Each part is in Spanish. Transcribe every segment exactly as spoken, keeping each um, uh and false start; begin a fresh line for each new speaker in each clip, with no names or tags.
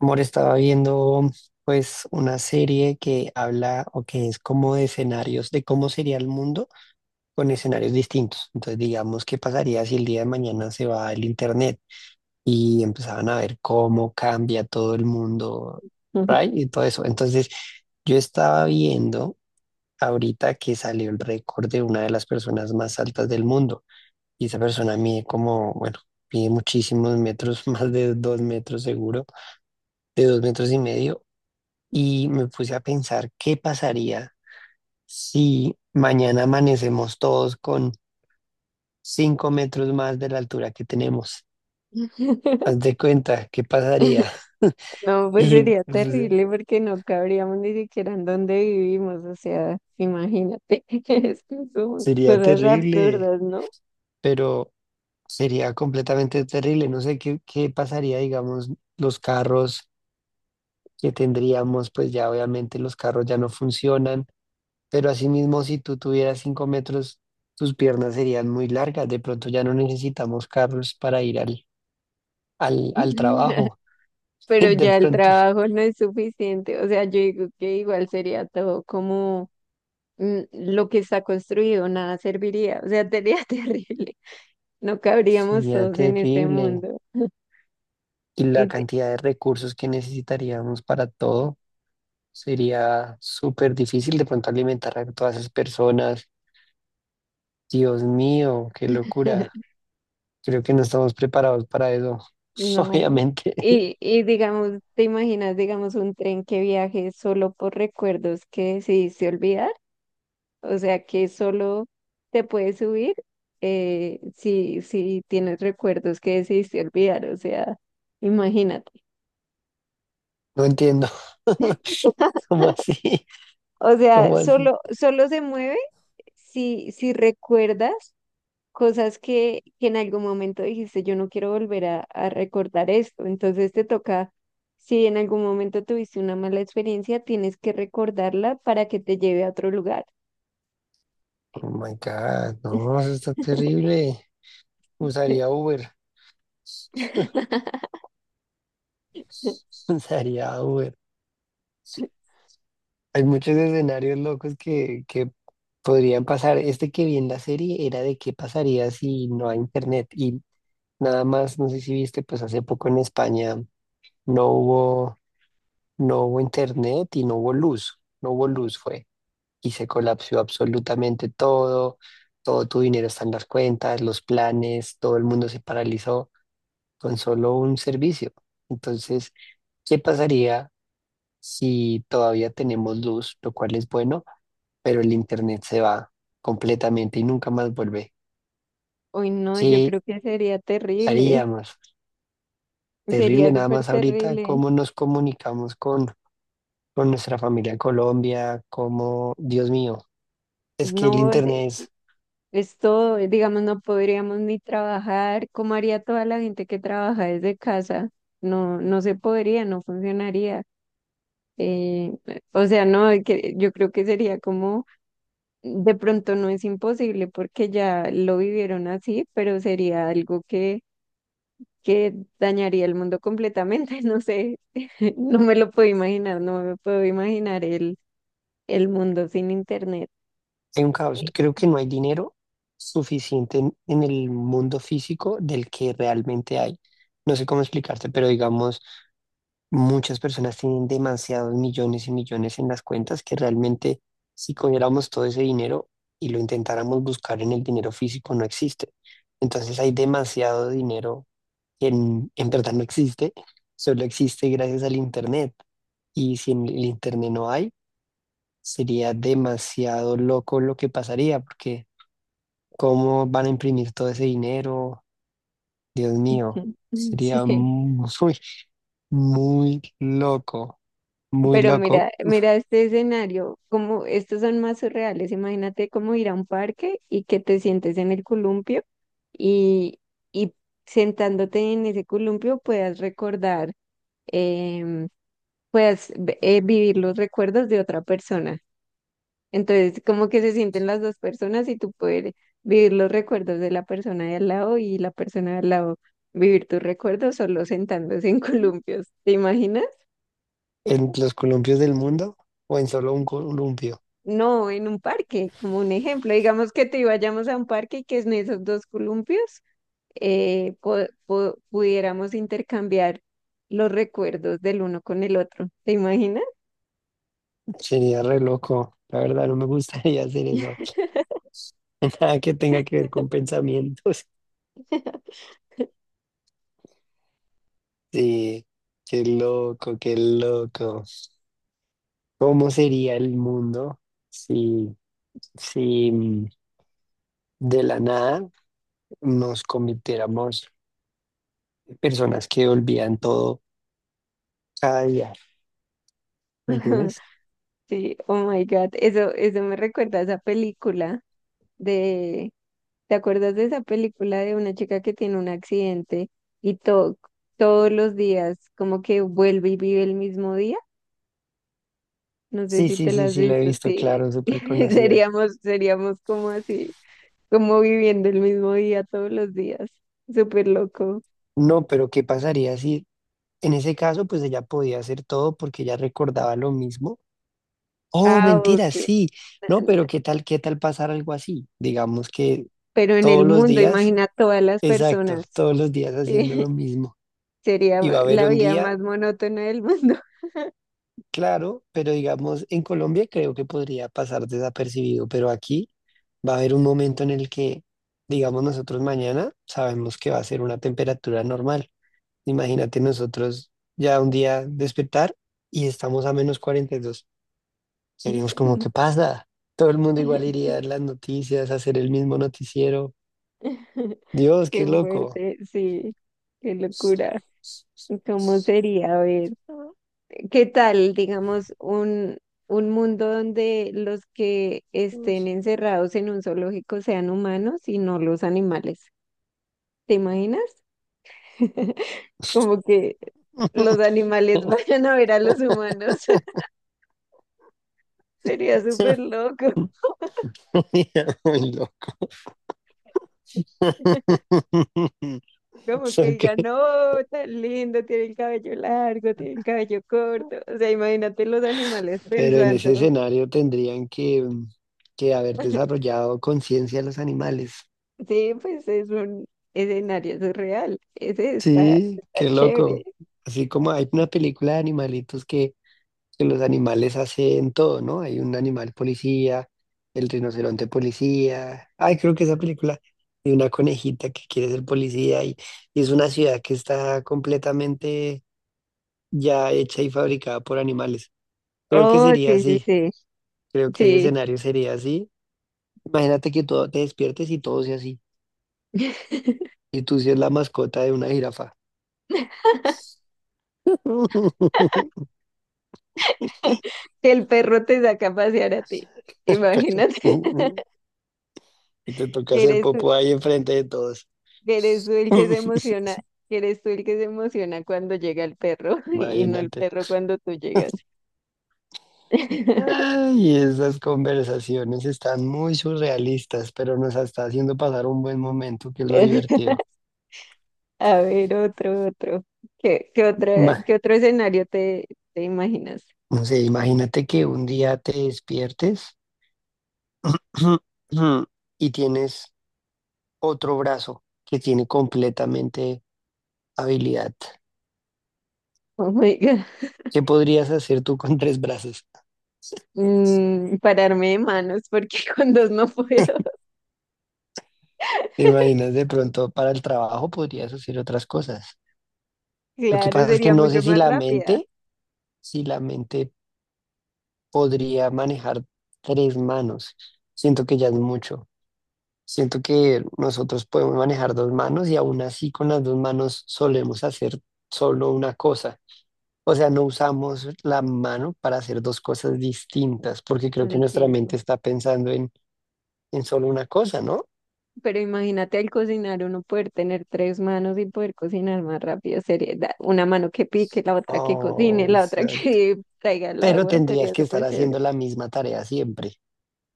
Amor, estaba viendo pues una serie que habla o que es como de escenarios de cómo sería el mundo con escenarios distintos. Entonces, digamos, ¿qué pasaría si el día de mañana se va el internet? Y empezaban a ver cómo cambia todo el mundo, right?
Ujú.
Y todo eso. Entonces, yo estaba viendo ahorita que salió el récord de una de las personas más altas del mundo. Y esa persona mide como, bueno, mide muchísimos metros, más de dos metros seguro, de dos metros y medio y me puse a pensar qué pasaría si mañana amanecemos todos con cinco metros más de la altura que tenemos. Haz de cuenta, ¿qué pasaría?
No, pues
Y
sería
pues,
terrible porque no cabríamos ni siquiera en donde vivimos, o sea, imagínate, es que son
sería
cosas
terrible,
absurdas, ¿no?
pero sería completamente terrible. No sé qué, qué pasaría, digamos, los carros que tendríamos, pues ya obviamente los carros ya no funcionan, pero asimismo si tú tuvieras cinco metros, tus piernas serían muy largas. De pronto ya no necesitamos carros para ir al al, al trabajo.
Pero
De
ya el
pronto
trabajo no es suficiente, o sea, yo digo que igual sería todo como mm, lo que está construido, nada serviría, o sea, sería terrible, no cabríamos
sería
todos en este
terrible.
mundo.
Y la
Y te-
cantidad de recursos que necesitaríamos para todo sería súper difícil de pronto alimentar a todas esas personas. Dios mío, qué locura. Creo que no estamos preparados para eso.
No.
Obviamente,
Y, y digamos, ¿te imaginas, digamos, un tren que viaje solo por recuerdos que decidiste olvidar? O sea, que solo te puedes subir eh, si, si tienes recuerdos que decidiste olvidar. O sea, imagínate.
no entiendo. ¿Cómo así?
O sea,
¿Cómo así?
solo, solo se mueve si, si recuerdas cosas que, que en algún momento dijiste, yo no quiero volver a, a recordar esto. Entonces te toca, si en algún momento tuviste una mala experiencia, tienes que recordarla para que te lleve a otro lugar.
Oh my God, no, eso está terrible. Usaría Uber. Usaría Uber. Hay muchos escenarios locos que, que podrían pasar. Este que vi en la serie era de qué pasaría si no hay internet. Y nada más, no sé si viste, pues hace poco en España no hubo, no hubo internet y no hubo luz. No hubo luz fue. Y se colapsó absolutamente todo. Todo tu dinero está en las cuentas, los planes, todo el mundo se paralizó con solo un servicio. Entonces, ¿qué pasaría si todavía tenemos luz, lo cual es bueno? Pero el internet se va completamente y nunca más vuelve.
Hoy no, yo
¿Qué
creo que sería terrible,
haríamos? Terrible
sería
nada
súper
más ahorita,
terrible.
cómo nos comunicamos con, con, nuestra familia en Colombia, cómo, Dios mío, es que el
No, de-
internet es,
Es todo, digamos, no podríamos ni trabajar. ¿Cómo haría toda la gente que trabaja desde casa? No, no se podría, no funcionaría. Eh, o sea, no, que yo creo que sería como, de pronto no es imposible porque ya lo vivieron así, pero sería algo que, que dañaría el mundo completamente, no sé, no me lo puedo imaginar, no me puedo imaginar el, el mundo sin internet.
hay un caos. Creo que no hay dinero suficiente en, en el mundo físico del que realmente hay. No sé cómo explicarte, pero digamos. Muchas personas tienen demasiados millones y millones en las cuentas que realmente si cogiéramos todo ese dinero y lo intentáramos buscar en el dinero físico no existe. Entonces hay demasiado dinero que en, en verdad no existe, solo existe gracias al Internet. Y si en el Internet no hay, sería demasiado loco lo que pasaría, porque ¿cómo van a imprimir todo ese dinero? Dios mío, sería
Sí.
muy, muy loco. Muy
Pero
loco,
mira, mira este escenario, como estos son más surreales. Imagínate cómo ir a un parque y que te sientes en el columpio y, y sentándote en ese columpio puedas recordar, em, puedas ve- eh, vivir los recuerdos de otra persona. Entonces, como que se sienten las dos personas y tú puedes vivir los recuerdos de la persona de al lado y la persona de al lado vivir tus recuerdos solo sentándose en columpios. ¿Te imaginas?
en los columpios del mundo o en solo un columpio.
No, en un parque, como un ejemplo, digamos que te vayamos a un parque y que en esos dos columpios eh, po- po- pudiéramos intercambiar los recuerdos del uno con el otro. ¿Te imaginas?
Sería re loco. La verdad, no me gustaría hacer eso. Nada que tenga que ver con pensamientos. Sí, qué loco, qué loco. ¿Cómo sería el mundo si, si mm, de la nada nos convirtiéramos en personas que olvidan todo cada día? ¿Me entiendes?
Sí, oh my God, eso, eso me recuerda a esa película de, ¿te acuerdas de esa película de una chica que tiene un accidente y to- todos los días como que vuelve y vive el mismo día? No sé
Sí,
si
sí,
te la
sí,
has
sí, la he
visto,
visto,
sí,
claro, súper conocida.
seríamos, seríamos como así. Como viviendo el mismo día todos los días. Súper loco.
No, pero ¿qué pasaría si en ese caso, pues ella podía hacer todo porque ella recordaba lo mismo? Oh,
Ah,
mentira,
ok.
sí. No, pero ¿qué tal, qué tal pasar algo así? Digamos que
Pero en
todos
el
los
mundo,
días,
imagina todas las
exacto,
personas.
todos los días haciendo
Sí,
lo mismo.
sería
Y va a haber
la
un
vida
día,
más monótona del mundo.
claro, pero digamos, en Colombia creo que podría pasar desapercibido, pero aquí va a haber un momento en el que, digamos, nosotros mañana sabemos que va a ser una temperatura normal. Imagínate nosotros ya un día despertar y estamos a menos cuarenta y dos. Seríamos como, ¿qué pasa? Todo el mundo igual iría a ver las noticias, a hacer el mismo noticiero. Dios, qué
Qué
loco.
fuerte, sí. Qué locura. ¿Cómo sería? A ver, ¿qué tal, digamos, un, un mundo donde los que estén encerrados en un zoológico sean humanos y no los animales? ¿Te imaginas? Como que los animales vayan a ver a los humanos. Sería súper loco.
Muy loco.
Como que
Ok.
digan, no, tan lindo, tiene el cabello largo, tiene el cabello corto. O sea, imagínate los animales
Pero en ese
pensando.
escenario tendrían que, que haber desarrollado conciencia los animales.
Sí, pues es un escenario surreal. Ese está,
Sí,
está
qué
chévere.
loco. Así como hay una película de animalitos que que los animales hacen todo, ¿no? Hay un animal policía, el rinoceronte policía. Ay, creo que esa película de una conejita que quiere ser policía y, y es una ciudad que está completamente ya hecha y fabricada por animales. Creo que
Oh,
sería
sí, sí,
así.
sí.
Creo que ese
Sí.
escenario sería así. Imagínate que todo te despiertes y todo sea así. Y tú seas la mascota de una jirafa.
Que el perro te saca a pasear a ti. Imagínate
Y te toca
que
hacer
eres
popo ahí enfrente de todos.
que eres tú el que se emociona, que eres tú el que se emociona cuando llega el perro y no el
Imagínate.
perro cuando tú llegas.
Ay, esas conversaciones están muy surrealistas, pero nos está haciendo pasar un buen momento, que es lo divertido.
A ver, otro, otro. ¿Qué, qué otra,
Ma-
qué otro escenario te, te imaginas?
no sé, imagínate que un día te despiertes y tienes otro brazo que tiene completamente habilidad.
Oh my God.
¿Qué podrías hacer tú con tres brazos?
Mm, pararme de manos porque con dos no puedo.
¿Te imaginas de pronto para el trabajo podrías hacer otras cosas? Lo que
Claro,
pasa es que
sería
no
mucho
sé si
más
la
rápida
mente, si la mente podría manejar tres manos. Siento que ya es mucho. Siento que nosotros podemos manejar dos manos y aún así con las dos manos solemos hacer solo una cosa. O sea, no usamos la mano para hacer dos cosas distintas, porque creo
con
que
el
nuestra mente
tiempo.
está pensando en, en, solo una cosa, ¿no?
Pero imagínate al cocinar uno poder tener tres manos y poder cocinar más rápido. Sería da- una mano que pique, la otra que cocine,
Oh,
la otra
exacto.
que traiga el
Pero
agua.
tendrías
Sería
que estar
súper chévere.
haciendo la misma tarea siempre.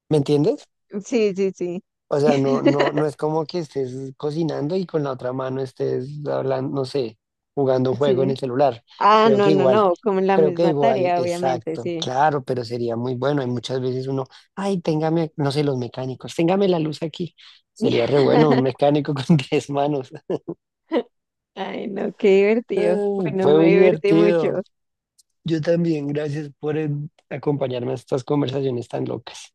¿Me entiendes?
Sí, sí, sí.
O sea, no, no, no es como que estés cocinando y con la otra mano estés hablando, no sé, jugando un juego en
Sí.
el celular.
Ah,
Creo que
no, no,
igual,
no. Como la
creo que
misma
igual,
tarea, obviamente,
exacto,
sí.
claro, pero sería muy bueno. Hay muchas veces uno, ay, téngame, no sé, los mecánicos, téngame la luz aquí. Sería re bueno un mecánico con diez manos.
Ay, no, qué divertido.
Ay,
Bueno,
fue
me
muy
divertí mucho.
divertido. Yo también, gracias por eh, acompañarme a estas conversaciones tan locas.